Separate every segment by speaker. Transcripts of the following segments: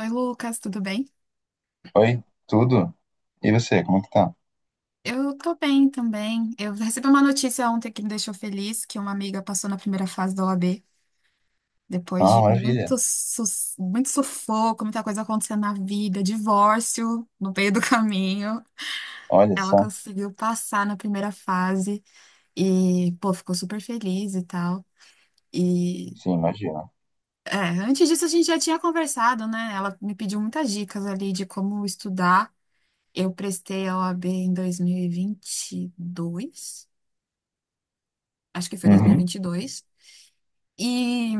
Speaker 1: Oi, Lucas, tudo bem?
Speaker 2: Oi, tudo? E você, como é que tá?
Speaker 1: Eu tô bem também. Eu recebi uma notícia ontem que me deixou feliz, que uma amiga passou na primeira fase da OAB, depois
Speaker 2: Ah,
Speaker 1: de
Speaker 2: maravilha.
Speaker 1: muito, muito sufoco, muita coisa acontecendo na vida, divórcio no meio do caminho.
Speaker 2: Olha
Speaker 1: Ela
Speaker 2: só.
Speaker 1: conseguiu passar na primeira fase e, pô, ficou super feliz e tal. E,
Speaker 2: Sim, imagina.
Speaker 1: antes disso a gente já tinha conversado, né? Ela me pediu muitas dicas ali de como estudar. Eu prestei a OAB em 2022. Acho que foi em dois mil E
Speaker 2: Uhum.
Speaker 1: vinte e E dois. E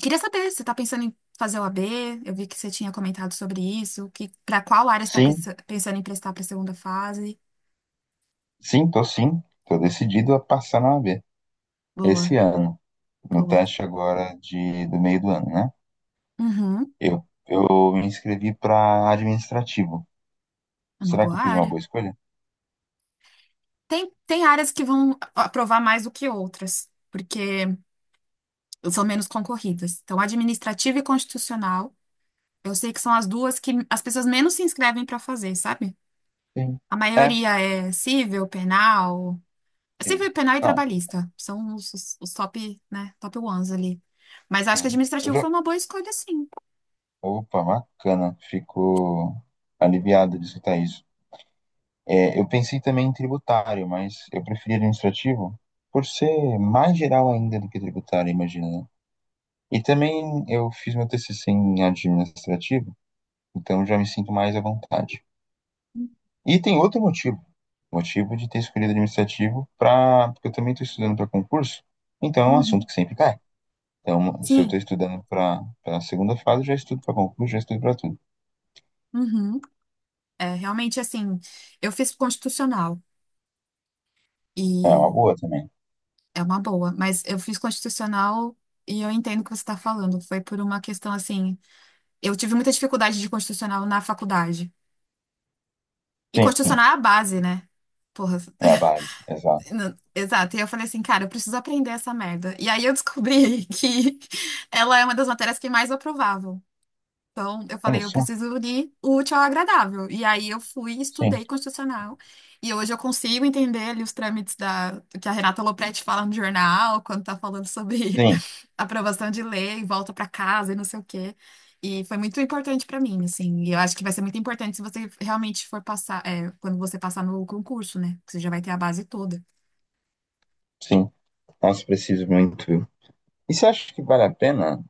Speaker 1: queria saber, você está pensando em fazer o OAB? Eu vi que você tinha comentado sobre isso, que para qual área você está
Speaker 2: Sim,
Speaker 1: pensando em prestar para a segunda fase?
Speaker 2: sim, tô sim. Tô decidido a passar na OAB
Speaker 1: Boa,
Speaker 2: esse ano, no
Speaker 1: boa.
Speaker 2: teste agora do meio do ano, né?
Speaker 1: Uhum,
Speaker 2: Eu, eu me inscrevi para administrativo.
Speaker 1: é uma
Speaker 2: Será que
Speaker 1: boa
Speaker 2: eu fiz uma
Speaker 1: área.
Speaker 2: boa escolha?
Speaker 1: Tem áreas que vão aprovar mais do que outras, porque são menos concorridas. Então, administrativa e constitucional, eu sei que são as duas que as pessoas menos se inscrevem para fazer, sabe?
Speaker 2: Sim.
Speaker 1: A
Speaker 2: É,
Speaker 1: maioria é civil, penal,
Speaker 2: sim.
Speaker 1: civil, penal e
Speaker 2: Não,
Speaker 1: trabalhista. São os top, né, top ones ali. Mas acho que
Speaker 2: sim. Eu
Speaker 1: administrativo
Speaker 2: já...
Speaker 1: foi uma boa escolha, sim.
Speaker 2: Opa, bacana. Fico aliviado de escutar isso. É, eu pensei também em tributário, mas eu preferi administrativo por ser mais geral ainda do que tributário, imagina, né? E também eu fiz meu TCC em administrativo, então já me sinto mais à vontade. E tem outro motivo, motivo de ter escolhido administrativo para, porque eu também estou estudando para concurso, então é um assunto
Speaker 1: Uhum.
Speaker 2: que sempre cai. Então, se eu estou
Speaker 1: Sim.
Speaker 2: estudando para a segunda fase, eu já estudo para concurso, já estudo para tudo.
Speaker 1: Uhum. É, realmente, assim, eu fiz constitucional
Speaker 2: É uma
Speaker 1: e
Speaker 2: boa também.
Speaker 1: é uma boa, mas eu fiz constitucional e eu entendo o que você está falando. Foi por uma questão, assim, eu tive muita dificuldade de constitucional na faculdade. E
Speaker 2: Sim,
Speaker 1: constitucional é a base, né? Porra,
Speaker 2: é a base, exato.
Speaker 1: não, exato, e eu falei assim, cara, eu preciso aprender essa merda. E aí eu descobri que ela é uma das matérias que é mais aprovavam. Então eu
Speaker 2: Olha
Speaker 1: falei, eu
Speaker 2: só,
Speaker 1: preciso unir o útil ao agradável. E aí eu fui,
Speaker 2: sim,
Speaker 1: estudei constitucional, e hoje eu consigo entender ali os trâmites da, que a Renata Lopretti fala no jornal, quando tá falando sobre
Speaker 2: sim,
Speaker 1: aprovação de lei, volta pra casa e não sei o quê. E foi muito importante pra mim, assim. E eu acho que vai ser muito importante se você realmente for passar, quando você passar no concurso, né? Que você já vai ter a base toda.
Speaker 2: sim. Nossa, preciso muito. E você acha que vale a pena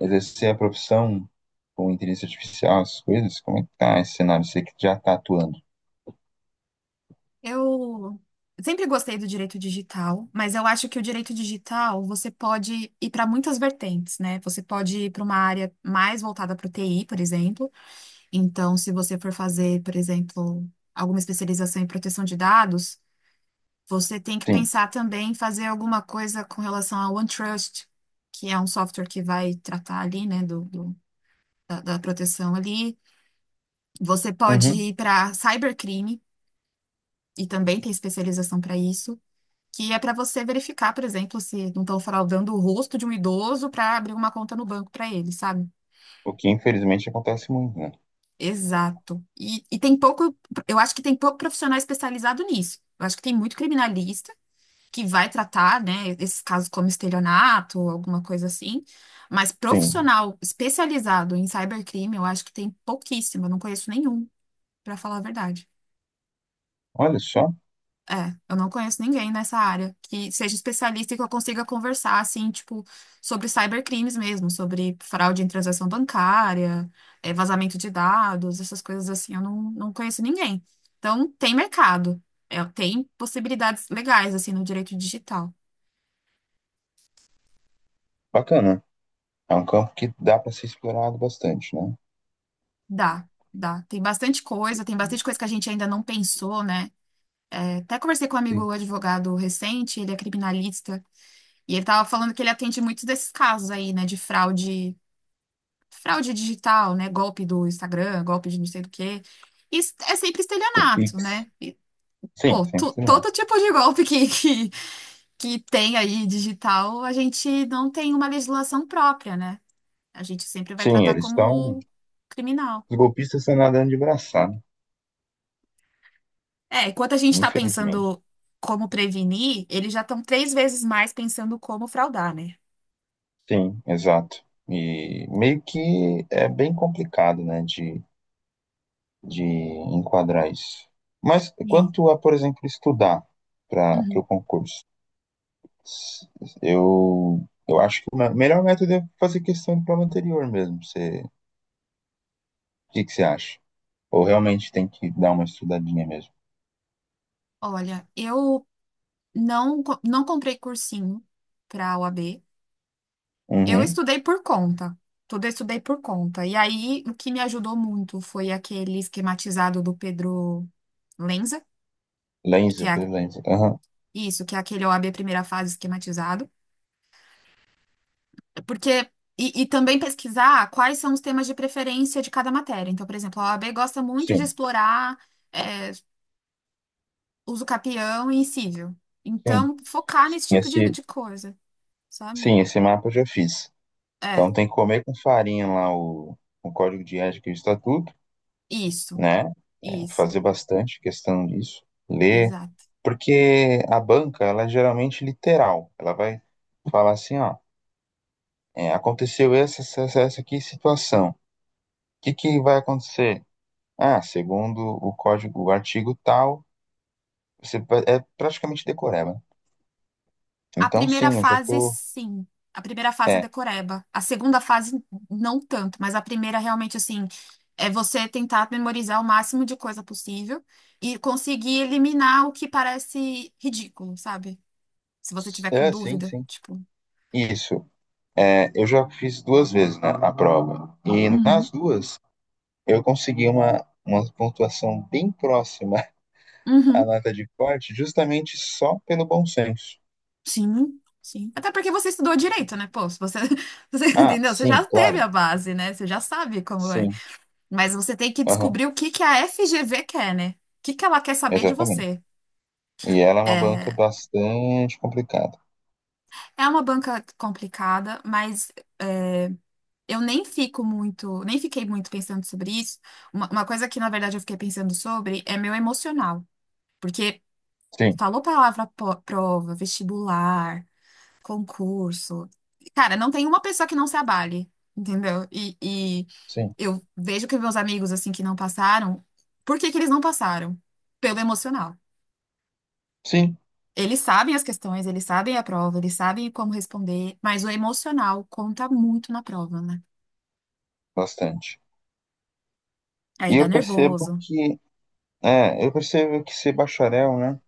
Speaker 2: exercer a profissão com inteligência artificial, essas coisas? Como é que tá esse cenário? Você que já tá atuando.
Speaker 1: Eu sempre gostei do direito digital, mas eu acho que o direito digital você pode ir para muitas vertentes, né? Você pode ir para uma área mais voltada para o TI, por exemplo. Então, se você for fazer, por exemplo, alguma especialização em proteção de dados, você tem que
Speaker 2: Sim.
Speaker 1: pensar também em fazer alguma coisa com relação ao OneTrust, que é um software que vai tratar ali, né, da proteção ali. Você pode
Speaker 2: Uhum.
Speaker 1: ir para cybercrime. E também tem especialização para isso, que é para você verificar, por exemplo, se não estão fraudando o rosto de um idoso para abrir uma conta no banco para ele, sabe?
Speaker 2: O que infelizmente acontece muito, né?
Speaker 1: Exato. E tem pouco, eu acho que tem pouco profissional especializado nisso. Eu acho que tem muito criminalista que vai tratar, né, esses casos como estelionato ou alguma coisa assim, mas
Speaker 2: Sim.
Speaker 1: profissional especializado em cybercrime, eu acho que tem pouquíssimo, eu não conheço nenhum, para falar a verdade.
Speaker 2: Olha só,
Speaker 1: É, eu não conheço ninguém nessa área que seja especialista e que eu consiga conversar, assim, tipo, sobre cybercrimes mesmo, sobre fraude em transação bancária, vazamento de dados, essas coisas assim, eu não conheço ninguém. Então, tem mercado, tem possibilidades legais, assim, no direito digital.
Speaker 2: bacana. É um campo que dá para ser explorado bastante, né?
Speaker 1: Dá, dá. Tem bastante coisa que a gente ainda não pensou, né? Até conversei com um
Speaker 2: Sim.
Speaker 1: amigo advogado recente, ele é criminalista, e ele tava falando que ele atende muitos desses casos aí, né, de fraude digital, né? Golpe do Instagram, golpe de não sei do quê. Isso é sempre
Speaker 2: O
Speaker 1: estelionato,
Speaker 2: Pix.
Speaker 1: né? E,
Speaker 2: Sim,
Speaker 1: pô,
Speaker 2: sim, sim.
Speaker 1: todo tipo de golpe que, que tem aí digital, a gente não tem uma legislação própria, né? A gente sempre vai
Speaker 2: Sim,
Speaker 1: tratar
Speaker 2: eles estão.
Speaker 1: como criminal.
Speaker 2: Os golpistas estão nadando de braçada,
Speaker 1: É, enquanto a gente está
Speaker 2: infelizmente.
Speaker 1: pensando como prevenir, eles já estão três vezes mais pensando como fraudar, né?
Speaker 2: Sim, exato. E meio que é bem complicado, né, de enquadrar isso. Mas
Speaker 1: Sim.
Speaker 2: quanto a, por exemplo, estudar para o
Speaker 1: Uhum.
Speaker 2: concurso, eu acho que o melhor método é fazer questão do prova anterior mesmo. Você, que você acha? Ou realmente tem que dar uma estudadinha mesmo?
Speaker 1: Olha, eu não comprei cursinho para pra OAB. Eu
Speaker 2: Uhum.
Speaker 1: estudei por conta. Tudo eu estudei por conta. E aí, o que me ajudou muito foi aquele esquematizado do Pedro Lenza, que
Speaker 2: Lenser,
Speaker 1: é
Speaker 2: por Lenser. Aham.
Speaker 1: isso, que é aquele o OAB primeira fase esquematizado. Porque. E também pesquisar quais são os temas de preferência de cada matéria. Então, por exemplo, a OAB gosta muito de
Speaker 2: Sim,
Speaker 1: explorar é, uso capião e cível.
Speaker 2: sim,
Speaker 1: Então, focar
Speaker 2: sim.
Speaker 1: nesse tipo de,
Speaker 2: Esse,
Speaker 1: de coisa, sabe?
Speaker 2: sim, esse mapa eu já fiz.
Speaker 1: É,
Speaker 2: Então tem que comer com farinha lá o código de ética e o estatuto,
Speaker 1: isso,
Speaker 2: né? É,
Speaker 1: isso.
Speaker 2: fazer bastante questão disso. Ler porque a banca, ela é geralmente literal. Ela vai falar assim, ó, é, aconteceu essa aqui situação. O que vai acontecer? Ah, segundo o código, o artigo tal, você é praticamente decoreba.
Speaker 1: A
Speaker 2: Então,
Speaker 1: primeira
Speaker 2: sim, eu já
Speaker 1: fase,
Speaker 2: tô...
Speaker 1: sim. A primeira fase é
Speaker 2: É,
Speaker 1: decoreba. A segunda fase, não tanto, mas a primeira realmente, assim, é você tentar memorizar o máximo de coisa possível e conseguir eliminar o que parece ridículo, sabe? Se você tiver com
Speaker 2: é, sim,
Speaker 1: dúvida,
Speaker 2: sim.
Speaker 1: tipo.
Speaker 2: Isso. É, eu já fiz duas vezes, né, a prova. E nas
Speaker 1: Uhum.
Speaker 2: duas, eu consegui uma pontuação bem próxima à
Speaker 1: Uhum,
Speaker 2: nota de corte, justamente só pelo bom senso.
Speaker 1: sim, sim. Até porque você estudou direito, né? Pô, se você, você
Speaker 2: Ah,
Speaker 1: entendeu? Você
Speaker 2: sim,
Speaker 1: já teve
Speaker 2: claro.
Speaker 1: a base, né? Você já sabe como é.
Speaker 2: Sim,
Speaker 1: Mas você tem que
Speaker 2: aham,
Speaker 1: descobrir o que que a FGV quer, né? O que que ela quer saber de
Speaker 2: exatamente.
Speaker 1: você.
Speaker 2: E ela é uma banca
Speaker 1: É,
Speaker 2: bastante complicada.
Speaker 1: é uma banca complicada, mas é, eu nem fico muito, nem fiquei muito pensando sobre isso. Uma coisa que, na verdade, eu fiquei pensando sobre é meu emocional. Porque
Speaker 2: Sim,
Speaker 1: falou palavra prova, vestibular, concurso. Cara, não tem uma pessoa que não se abale, entendeu? E
Speaker 2: sim,
Speaker 1: eu vejo que meus amigos, assim, que não passaram, por que que eles não passaram? Pelo emocional.
Speaker 2: sim,
Speaker 1: Eles sabem as questões, eles sabem a prova, eles sabem como responder, mas o emocional conta muito na prova, né?
Speaker 2: bastante.
Speaker 1: Aí
Speaker 2: E
Speaker 1: dá
Speaker 2: eu percebo
Speaker 1: nervoso.
Speaker 2: eu percebo que ser bacharel, né?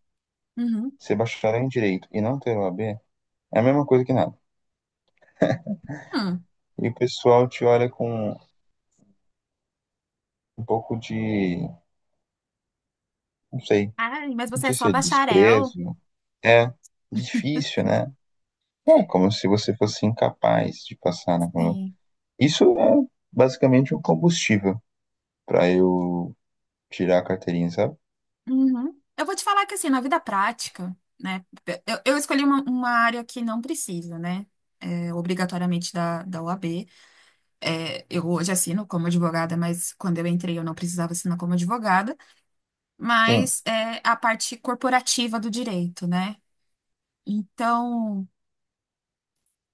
Speaker 1: Uhum.
Speaker 2: Ser bacharel em direito e não ter o A B é a mesma coisa que nada.
Speaker 1: Hum.
Speaker 2: E o pessoal te olha com um pouco de, não sei,
Speaker 1: Ai, mas
Speaker 2: não
Speaker 1: você é
Speaker 2: sei se
Speaker 1: só
Speaker 2: é
Speaker 1: bacharel?
Speaker 2: desprezo, é difícil, né? É como se você fosse incapaz de passar naquela.
Speaker 1: Sim.
Speaker 2: Isso é basicamente um combustível para eu tirar a carteirinha, sabe?
Speaker 1: Uhum. Eu vou te falar que, assim, na vida prática, né? Eu escolhi uma área que não precisa, né? Obrigatoriamente da OAB. É, eu hoje assino como advogada, mas quando eu entrei eu não precisava assinar como advogada.
Speaker 2: Sim,
Speaker 1: Mas é a parte corporativa do direito, né? Então,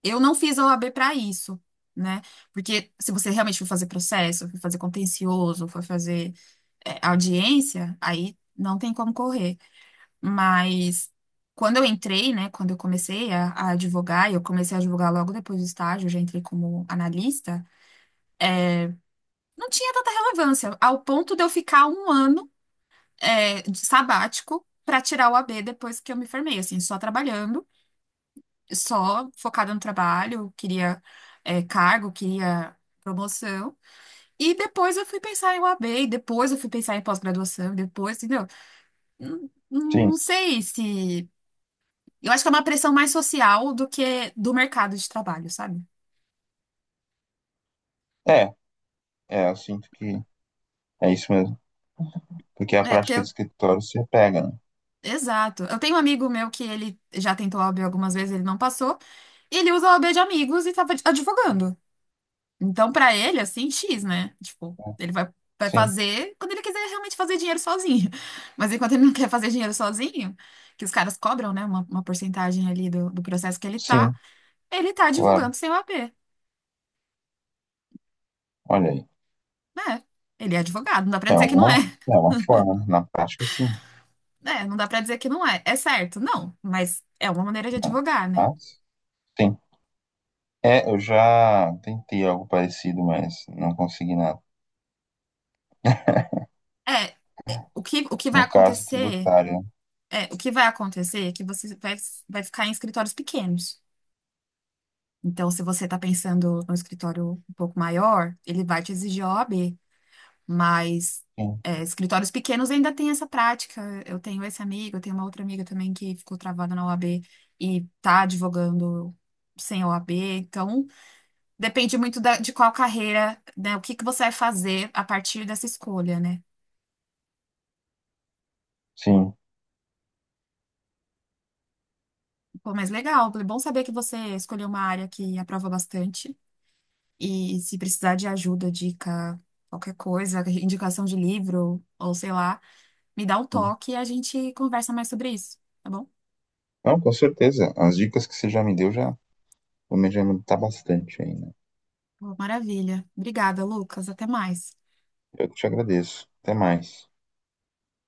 Speaker 1: eu não fiz a OAB para isso, né? Porque se você realmente for fazer processo, for fazer contencioso, for fazer audiência, aí não tem como correr. Mas quando eu entrei, né? Quando eu comecei a advogar, e eu comecei a advogar logo depois do estágio, eu já entrei como analista, não tinha tanta relevância, ao ponto de eu ficar um ano de sabático para tirar o O a OAB depois que eu me formei, assim, só trabalhando. Só focada no trabalho, queria cargo, queria promoção. E depois eu fui pensar em UAB, e depois eu fui pensar em pós-graduação, e depois, entendeu? Não,
Speaker 2: sim.
Speaker 1: não sei se. Eu acho que é uma pressão mais social do que do mercado de trabalho, sabe?
Speaker 2: É, eu sinto que é isso mesmo. Porque a
Speaker 1: É, porque
Speaker 2: prática
Speaker 1: eu.
Speaker 2: de escritório se pega, né?
Speaker 1: Exato. Eu tenho um amigo meu que ele já tentou O a OAB algumas vezes, ele não passou. E ele usa O a OAB de amigos e tava advogando. Então, pra ele, assim, X, né? Tipo, ele vai
Speaker 2: Sim,
Speaker 1: fazer quando ele quiser realmente fazer dinheiro sozinho. Mas enquanto ele não quer fazer dinheiro sozinho, que os caras cobram, né, uma porcentagem ali do processo que ele tá,
Speaker 2: sim,
Speaker 1: ele tá
Speaker 2: claro.
Speaker 1: advogando sem o AP,
Speaker 2: Olha aí.
Speaker 1: né? Ele é advogado, não dá pra
Speaker 2: É
Speaker 1: dizer que não é.
Speaker 2: uma, é uma forma, né? Na prática, sim.
Speaker 1: É, não dá pra dizer que não é. É certo, não, mas é uma maneira de
Speaker 2: Não.
Speaker 1: advogar, né?
Speaker 2: Mas, sim. É, eu já tentei algo parecido, mas não consegui nada.
Speaker 1: É, o que, o que vai
Speaker 2: No caso
Speaker 1: acontecer,
Speaker 2: tributário, né?
Speaker 1: o que vai acontecer é que você vai ficar em escritórios pequenos. Então, se você está pensando no escritório um pouco maior, ele vai te exigir a OAB, mas
Speaker 2: Sim,
Speaker 1: escritórios pequenos ainda tem essa prática. Eu tenho esse amigo, eu tenho uma outra amiga também que ficou travada na OAB e está advogando sem OAB. Então, depende muito de qual carreira, né, o que que você vai fazer a partir dessa escolha, né?
Speaker 2: sim.
Speaker 1: Pô, mas legal, é bom saber que você escolheu uma área que aprova bastante e se precisar de ajuda, dica, qualquer coisa, indicação de livro ou sei lá. Me dá um
Speaker 2: Sim.
Speaker 1: toque e a gente conversa mais sobre isso, tá bom?
Speaker 2: Não, com certeza. As dicas que você já me deu já vou me adiantar bastante aí, né?
Speaker 1: Pô, maravilha. Obrigada, Lucas. Até mais.
Speaker 2: Eu que te agradeço. Até mais.